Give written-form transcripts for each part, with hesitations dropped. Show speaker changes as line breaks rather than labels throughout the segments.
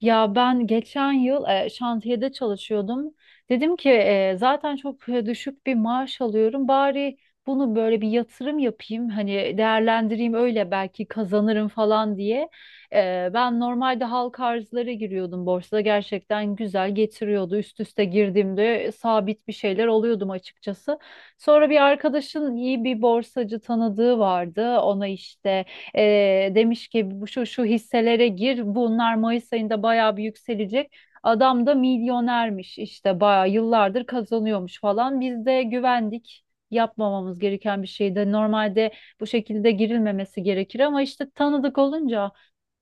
Ya ben geçen yıl şantiyede çalışıyordum. Dedim ki zaten çok düşük bir maaş alıyorum. Bari bunu böyle bir yatırım yapayım. Hani değerlendireyim öyle belki kazanırım falan diye. Ben normalde halk arzlara giriyordum borsada. Gerçekten güzel getiriyordu. Üst üste girdiğimde sabit bir şeyler alıyordum açıkçası. Sonra bir arkadaşın iyi bir borsacı tanıdığı vardı. Ona işte demiş ki bu şu şu hisselere gir, bunlar Mayıs ayında bayağı bir yükselecek. Adam da milyonermiş işte bayağı yıllardır kazanıyormuş falan. Biz de güvendik. Yapmamamız gereken bir şeydi. Normalde bu şekilde girilmemesi gerekir ama işte tanıdık olunca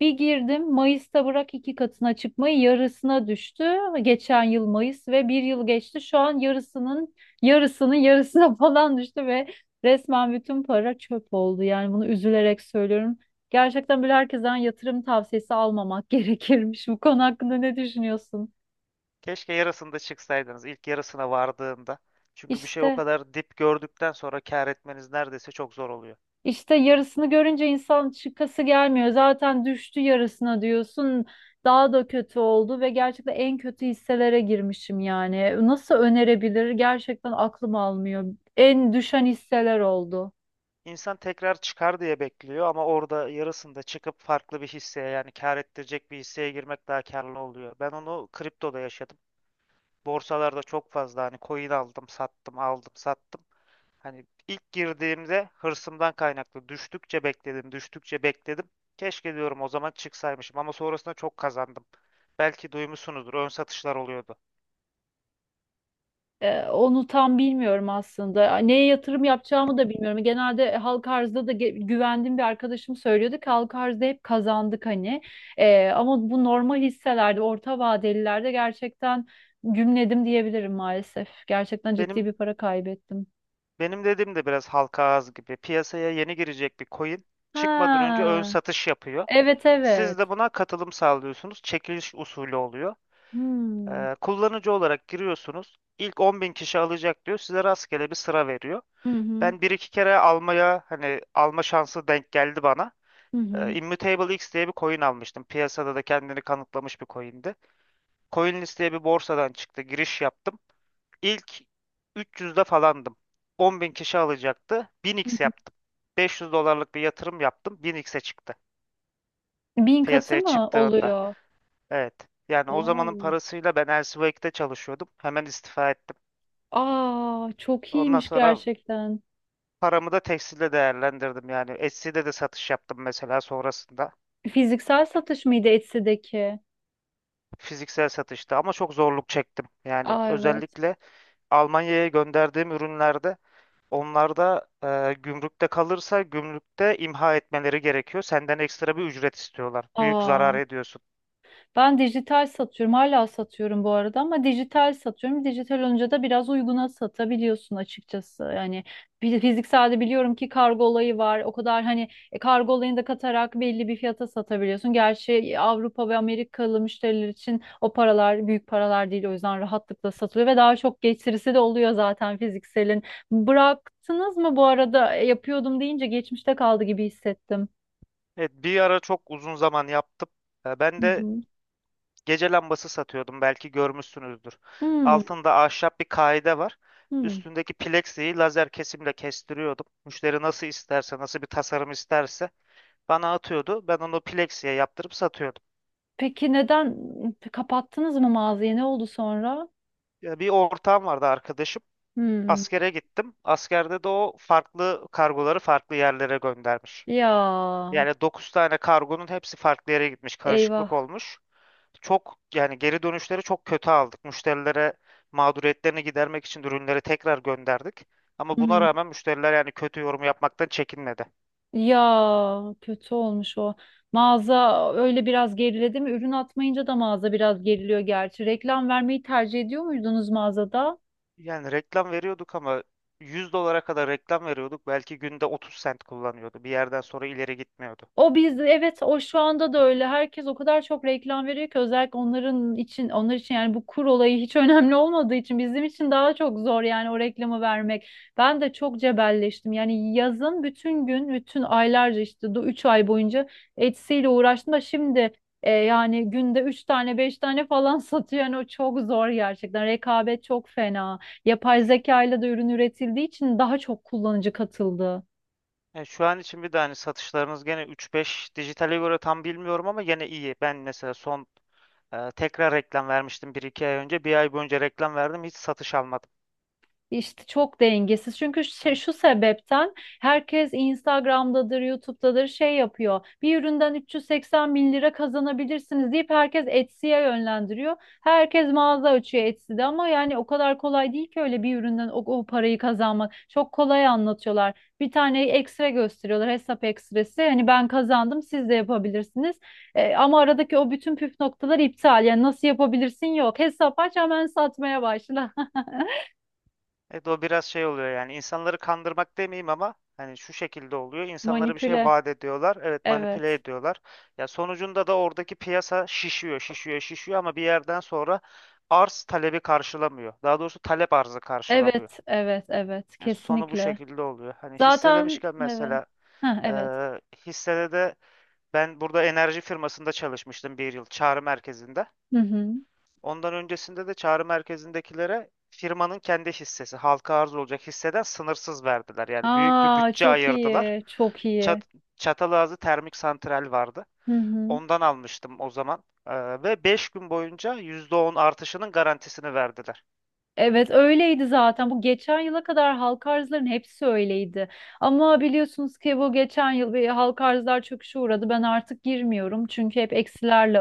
bir girdim Mayıs'ta, bırak iki katına çıkmayı yarısına düştü. Geçen yıl Mayıs ve bir yıl geçti. Şu an yarısının yarısının yarısına falan düştü ve resmen bütün para çöp oldu. Yani bunu üzülerek söylüyorum. Gerçekten böyle herkesten yatırım tavsiyesi almamak gerekirmiş. Bu konu hakkında ne düşünüyorsun?
Keşke yarısında çıksaydınız, ilk yarısına vardığında. Çünkü bir şey o
İşte,
kadar dip gördükten sonra kâr etmeniz neredeyse çok zor oluyor.
işte yarısını görünce insan çıkası gelmiyor. Zaten düştü, yarısına diyorsun. Daha da kötü oldu ve gerçekten en kötü hisselere girmişim yani. Nasıl
Evet.
önerebilir? Gerçekten aklım almıyor. En düşen hisseler oldu.
İnsan tekrar çıkar diye bekliyor ama orada yarısında çıkıp farklı bir hisseye, yani kâr ettirecek bir hisseye girmek daha kârlı oluyor. Ben onu kriptoda yaşadım. Borsalarda çok fazla hani coin aldım, sattım, aldım, sattım. Hani ilk girdiğimde hırsımdan kaynaklı düştükçe bekledim, düştükçe bekledim. Keşke diyorum o zaman çıksaymışım ama sonrasında çok kazandım. Belki duymuşsunuzdur, ön satışlar oluyordu.
Onu tam bilmiyorum aslında. Neye yatırım yapacağımı da bilmiyorum. Genelde halka arzda da güvendiğim bir arkadaşım söylüyordu ki halka arzda hep kazandık hani. Ama bu normal hisselerde, orta vadelilerde gerçekten gümledim diyebilirim maalesef. Gerçekten ciddi bir
Benim
para kaybettim.
benim dediğim de biraz halka ağız gibi. Piyasaya yeni girecek bir coin çıkmadan önce ön
Ha,
satış yapıyor.
evet, evet.
Siz de buna katılım sağlıyorsunuz. Çekiliş usulü oluyor.
Hmm.
Kullanıcı olarak giriyorsunuz. İlk 10.000 kişi alacak diyor. Size rastgele bir sıra veriyor.
Hı hı.
Ben bir iki kere almaya hani alma şansı denk geldi bana.
Hı hı.
Immutable X diye bir coin almıştım. Piyasada da kendini kanıtlamış bir coin'di. CoinList diye bir borsadan çıktı. Giriş yaptım. İlk 300'de falandım. 10.000 kişi alacaktı.
Hı
1000x
hı.
yaptım. 500 dolarlık bir yatırım yaptım. 1000x'e çıktı.
1000 katı
Piyasaya
mı
çıktığında.
oluyor?
Evet. Yani o zamanın
Oo.
parasıyla ben Elsewek'te çalışıyordum. Hemen istifa ettim.
Aa, çok
Ondan
iyiymiş
sonra
gerçekten.
paramı da tekstilde değerlendirdim. Yani Etsy'de de satış yaptım mesela sonrasında.
Fiziksel satış mıydı Etsy'deki?
Fiziksel satışta ama çok zorluk çektim. Yani
Aa, evet.
özellikle Almanya'ya gönderdiğim ürünlerde onlarda gümrükte kalırsa gümrükte imha etmeleri gerekiyor. Senden ekstra bir ücret istiyorlar. Büyük zarar
Aa.
ediyorsun.
Ben dijital satıyorum. Hala satıyorum bu arada ama dijital satıyorum. Dijital olunca da biraz uyguna satabiliyorsun açıkçası. Yani bir fizikselde biliyorum ki kargo olayı var. O kadar hani kargo olayını da katarak belli bir fiyata satabiliyorsun. Gerçi Avrupa ve Amerikalı müşteriler için o paralar büyük paralar değil. O yüzden rahatlıkla satılıyor ve daha çok getirisi de oluyor zaten fizikselin. Bıraktınız mı bu arada? Yapıyordum deyince geçmişte kaldı gibi hissettim.
Evet, bir ara çok uzun zaman yaptım. Ben
Hı
de
hı.
gece lambası satıyordum. Belki görmüşsünüzdür.
Hmm,
Altında ahşap bir kaide var.
hmm.
Üstündeki plexiyi lazer kesimle kestiriyordum. Müşteri nasıl isterse, nasıl bir tasarım isterse bana atıyordu. Ben onu plexiye yaptırıp satıyordum.
Peki neden kapattınız mı mağazayı? Ne oldu sonra?
Ya bir ortağım vardı, arkadaşım.
Hmm.
Askere gittim. Askerde de o farklı kargoları farklı yerlere göndermiş.
Ya,
Yani 9 tane kargonun hepsi farklı yere gitmiş. Karışıklık
eyvah.
olmuş. Çok yani geri dönüşleri çok kötü aldık. Müşterilere mağduriyetlerini gidermek için ürünleri tekrar gönderdik. Ama buna
Hmm.
rağmen müşteriler yani kötü yorum yapmaktan çekinmedi.
Ya, kötü olmuş o. Mağaza öyle biraz geriledi mi? Ürün atmayınca da mağaza biraz geriliyor gerçi. Reklam vermeyi tercih ediyor muydunuz mağazada?
Yani reklam veriyorduk ama 100 dolara kadar reklam veriyorduk. Belki günde 30 sent kullanıyordu. Bir yerden sonra ileri gitmiyordu.
O biz, evet, o şu anda da öyle. Herkes o kadar çok reklam veriyor ki özellikle onlar için yani bu kur olayı hiç önemli olmadığı için bizim için daha çok zor yani o reklamı vermek. Ben de çok cebelleştim. Yani yazın bütün gün, bütün aylarca işte 3 ay boyunca Etsy'yle uğraştım da şimdi yani günde 3 tane 5 tane falan satıyor. Yani o çok zor gerçekten. Rekabet çok fena. Yapay zeka ile de ürün üretildiği için daha çok kullanıcı katıldı.
Yani şu an için bir de hani satışlarınız gene üç beş dijitale göre tam bilmiyorum ama gene iyi. Ben mesela son tekrar reklam vermiştim bir iki ay önce. Bir ay boyunca reklam verdim, hiç satış almadım.
İşte çok dengesiz. Çünkü şu sebepten herkes Instagram'dadır, YouTube'dadır şey yapıyor. Bir üründen 380 bin lira kazanabilirsiniz deyip herkes Etsy'ye yönlendiriyor. Herkes mağaza açıyor Etsy'de ama yani o kadar kolay değil ki öyle bir üründen o parayı kazanmak. Çok kolay anlatıyorlar. Bir tane ekstra gösteriyorlar hesap ekstresi. Hani ben kazandım, siz de yapabilirsiniz. Ama aradaki o bütün püf noktalar iptal. Yani nasıl yapabilirsin, yok. Hesap aç, hemen satmaya başla.
Evet, o biraz şey oluyor yani insanları kandırmak demeyeyim ama hani şu şekilde oluyor. İnsanlara bir şey
Manipüle.
vaat ediyorlar. Evet, manipüle
Evet.
ediyorlar. Ya sonucunda da oradaki piyasa şişiyor, şişiyor, şişiyor ama bir yerden sonra arz talebi karşılamıyor. Daha doğrusu talep arzı karşılamıyor.
Evet, evet, evet.
Yani sonu bu
Kesinlikle.
şekilde oluyor. Hani hisse
Zaten
demişken
evet.
mesela
Ha,
e,
evet.
hissede de ben burada enerji firmasında çalışmıştım bir yıl çağrı merkezinde.
Hı hı.
Ondan öncesinde de çağrı merkezindekilere firmanın kendi hissesi, halka arz olacak hisseden sınırsız verdiler. Yani büyük bir
Aa,
bütçe
çok
ayırdılar.
iyi. Çok iyi.
Çat Çatalazı Termik Santral vardı.
Hı hı.
Ondan almıştım o zaman. Ve 5 gün boyunca %10 artışının garantisini verdiler.
Evet, öyleydi zaten. Bu geçen yıla kadar halk arzların hepsi öyleydi. Ama biliyorsunuz ki bu geçen yıl bir halk arzlar çöküşe uğradı. Ben artık girmiyorum çünkü hep eksilerle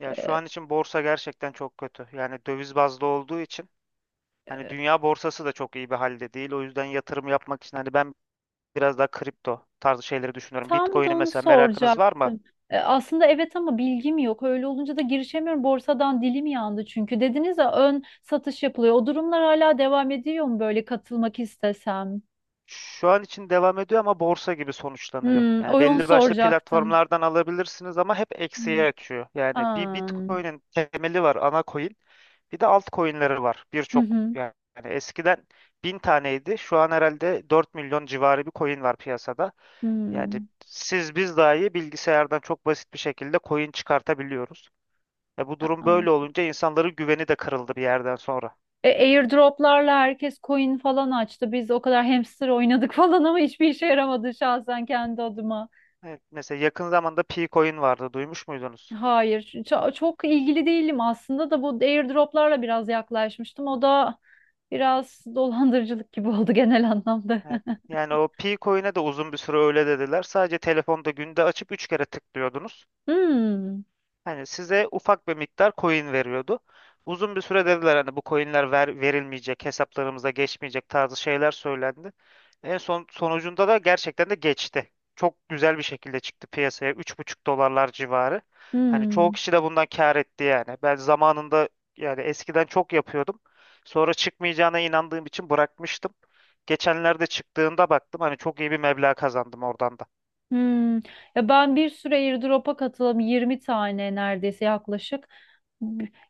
Ya şu
açıyorlar.
an için borsa gerçekten çok kötü. Yani döviz bazlı olduğu için hani dünya borsası da çok iyi bir halde değil. O yüzden yatırım yapmak için hani ben biraz daha kripto tarzı şeyleri düşünüyorum.
Tam da
Bitcoin'i
onu
mesela, merakınız var mı?
soracaktım. Aslında evet ama bilgim yok. Öyle olunca da girişemiyorum. Borsadan dilim yandı çünkü. Dediniz ya ön satış yapılıyor. O durumlar hala devam ediyor mu böyle katılmak istesem?
Şu an için devam ediyor ama borsa gibi sonuçlanıyor.
Hmm,
Yani
onu
belli başlı
soracaktım.
platformlardan alabilirsiniz ama hep
Hmm.
eksiye açıyor. Yani bir
Aa.
Bitcoin'in temeli var, ana coin. Bir de altcoin'leri var.
Hı
Birçok
hı.
yani eskiden 1000 taneydi. Şu an herhalde 4 milyon civarı bir coin var piyasada. Yani
Hmm.
siz biz dahi bilgisayardan çok basit bir şekilde coin çıkartabiliyoruz. E bu durum
Aa.
böyle olunca insanların güveni de kırıldı bir yerden sonra.
Airdroplarla herkes coin falan açtı. Biz o kadar hamster oynadık falan ama hiçbir işe yaramadı şahsen kendi adıma.
Evet, mesela yakın zamanda P-Coin vardı. Duymuş muydunuz?
Hayır, çok ilgili değilim aslında da bu airdroplarla biraz yaklaşmıştım. O da biraz dolandırıcılık gibi oldu genel anlamda.
Evet. Yani o pi coin'e de uzun bir süre öyle dediler. Sadece telefonda günde açıp 3 kere tıklıyordunuz.
Hmm,
Hani size ufak bir miktar coin veriyordu. Uzun bir süre dediler hani bu coinler ver, verilmeyecek, hesaplarımıza geçmeyecek tarzı şeyler söylendi. En son sonucunda da gerçekten de geçti. Çok güzel bir şekilde çıktı piyasaya 3,5 dolarlar civarı. Hani çoğu
hmm,
kişi de bundan kâr etti yani. Ben zamanında yani eskiden çok yapıyordum. Sonra çıkmayacağına inandığım için bırakmıştım. Geçenlerde çıktığında baktım, hani çok iyi bir meblağ kazandım oradan da.
hmm. Ya ben bir süre airdrop'a katıldım. 20 tane neredeyse yaklaşık.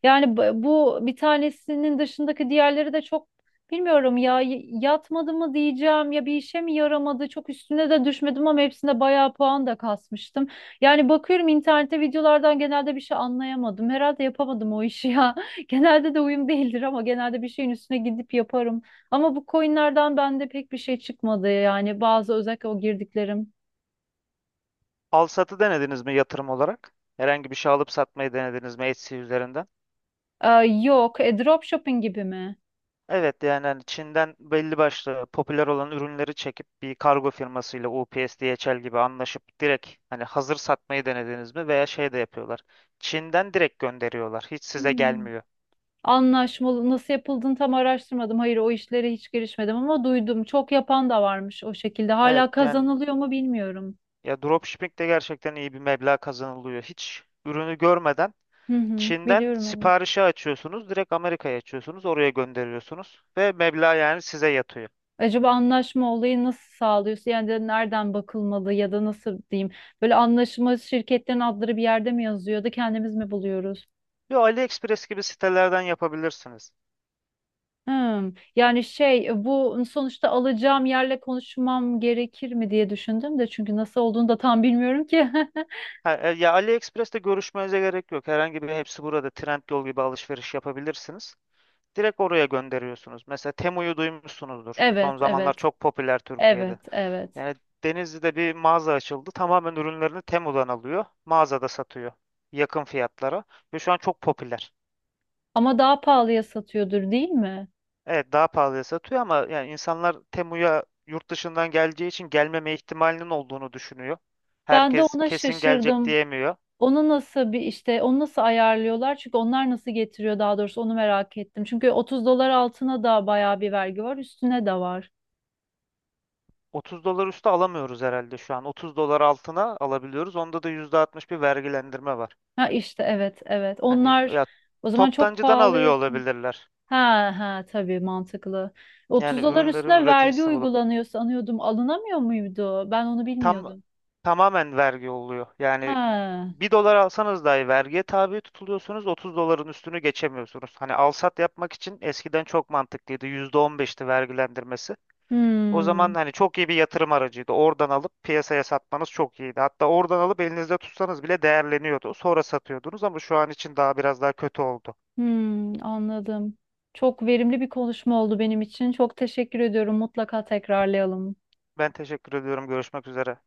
Yani bu bir tanesinin dışındaki diğerleri de çok bilmiyorum ya yatmadı mı diyeceğim ya bir işe mi yaramadı, çok üstüne de düşmedim ama hepsinde bayağı puan da kasmıştım. Yani bakıyorum internette videolardan genelde bir şey anlayamadım. Herhalde yapamadım o işi ya. Genelde de uyum değildir ama genelde bir şeyin üstüne gidip yaparım. Ama bu coinlerden bende pek bir şey çıkmadı yani bazı özellikle o girdiklerim.
Al satı denediniz mi yatırım olarak? Herhangi bir şey alıp satmayı denediniz mi Etsy üzerinden?
Ee, yok, dropshipping gibi mi?
Evet yani hani Çin'den belli başlı popüler olan ürünleri çekip bir kargo firmasıyla UPS, DHL gibi anlaşıp direkt hani hazır satmayı denediniz mi? Veya şey de yapıyorlar. Çin'den direkt gönderiyorlar. Hiç size
Hmm.
gelmiyor.
Anlaşmalı nasıl yapıldığını tam araştırmadım. Hayır, o işlere hiç girişmedim ama duydum. Çok yapan da varmış o şekilde.
Evet
Hala
yani
kazanılıyor mu bilmiyorum.
ya, dropshipping de gerçekten iyi bir meblağ kazanılıyor. Hiç ürünü görmeden
Hı hı,
Çin'den
biliyorum, evet.
siparişi açıyorsunuz, direkt Amerika'ya açıyorsunuz, oraya gönderiyorsunuz ve meblağ yani size yatıyor.
Acaba anlaşma olayı nasıl sağlıyorsun? Yani de nereden bakılmalı ya da nasıl diyeyim? Böyle anlaşma şirketlerin adları bir yerde mi yazıyor da kendimiz mi buluyoruz?
Yo, AliExpress gibi sitelerden yapabilirsiniz.
Hmm. Yani şey bu sonuçta alacağım yerle konuşmam gerekir mi diye düşündüm de çünkü nasıl olduğunu da tam bilmiyorum ki.
Ha, ya AliExpress'te görüşmenize gerek yok. Herhangi bir hepsi, burada Trendyol gibi alışveriş yapabilirsiniz. Direkt oraya gönderiyorsunuz. Mesela Temu'yu duymuşsunuzdur.
Evet,
Son zamanlar
evet.
çok popüler
Evet,
Türkiye'de.
evet.
Yani Denizli'de bir mağaza açıldı. Tamamen ürünlerini Temu'dan alıyor. Mağazada satıyor. Yakın fiyatlara. Ve şu an çok popüler.
Ama daha pahalıya satıyordur değil mi?
Evet, daha pahalıya satıyor ama yani insanlar Temu'ya yurt dışından geleceği için gelmeme ihtimalinin olduğunu düşünüyor.
Ben de
Herkes
ona
kesin gelecek
şaşırdım.
diyemiyor.
Onu nasıl bir işte onu nasıl ayarlıyorlar? Çünkü onlar nasıl getiriyor daha doğrusu onu merak ettim. Çünkü 30 dolar altına da bayağı bir vergi var, üstüne de var.
30 dolar üstü alamıyoruz herhalde şu an. 30 dolar altına alabiliyoruz. Onda da %60 bir vergilendirme var.
Ha, işte, evet, evet.
Hani
Onlar
ya,
o zaman çok
toptancıdan alıyor
pahalıya.
olabilirler.
Ha, ha, tabii, mantıklı.
Yani
30 dolar
ürünlerin
üstüne vergi
üreticisini bulup
uygulanıyor sanıyordum. Alınamıyor muydu? Ben onu
tam
bilmiyordum.
tamamen vergi oluyor. Yani
Ha.
bir dolar alsanız dahi vergiye tabi tutuluyorsunuz. 30 doların üstünü geçemiyorsunuz. Hani alsat yapmak için eskiden çok mantıklıydı. %15'ti vergilendirmesi. O zaman
Hmm.
hani çok iyi bir yatırım aracıydı. Oradan alıp piyasaya satmanız çok iyiydi. Hatta oradan alıp elinizde tutsanız bile değerleniyordu. Sonra satıyordunuz ama şu an için daha biraz daha kötü oldu.
Hmm, anladım. Çok verimli bir konuşma oldu benim için. Çok teşekkür ediyorum. Mutlaka tekrarlayalım.
Ben teşekkür ediyorum. Görüşmek üzere.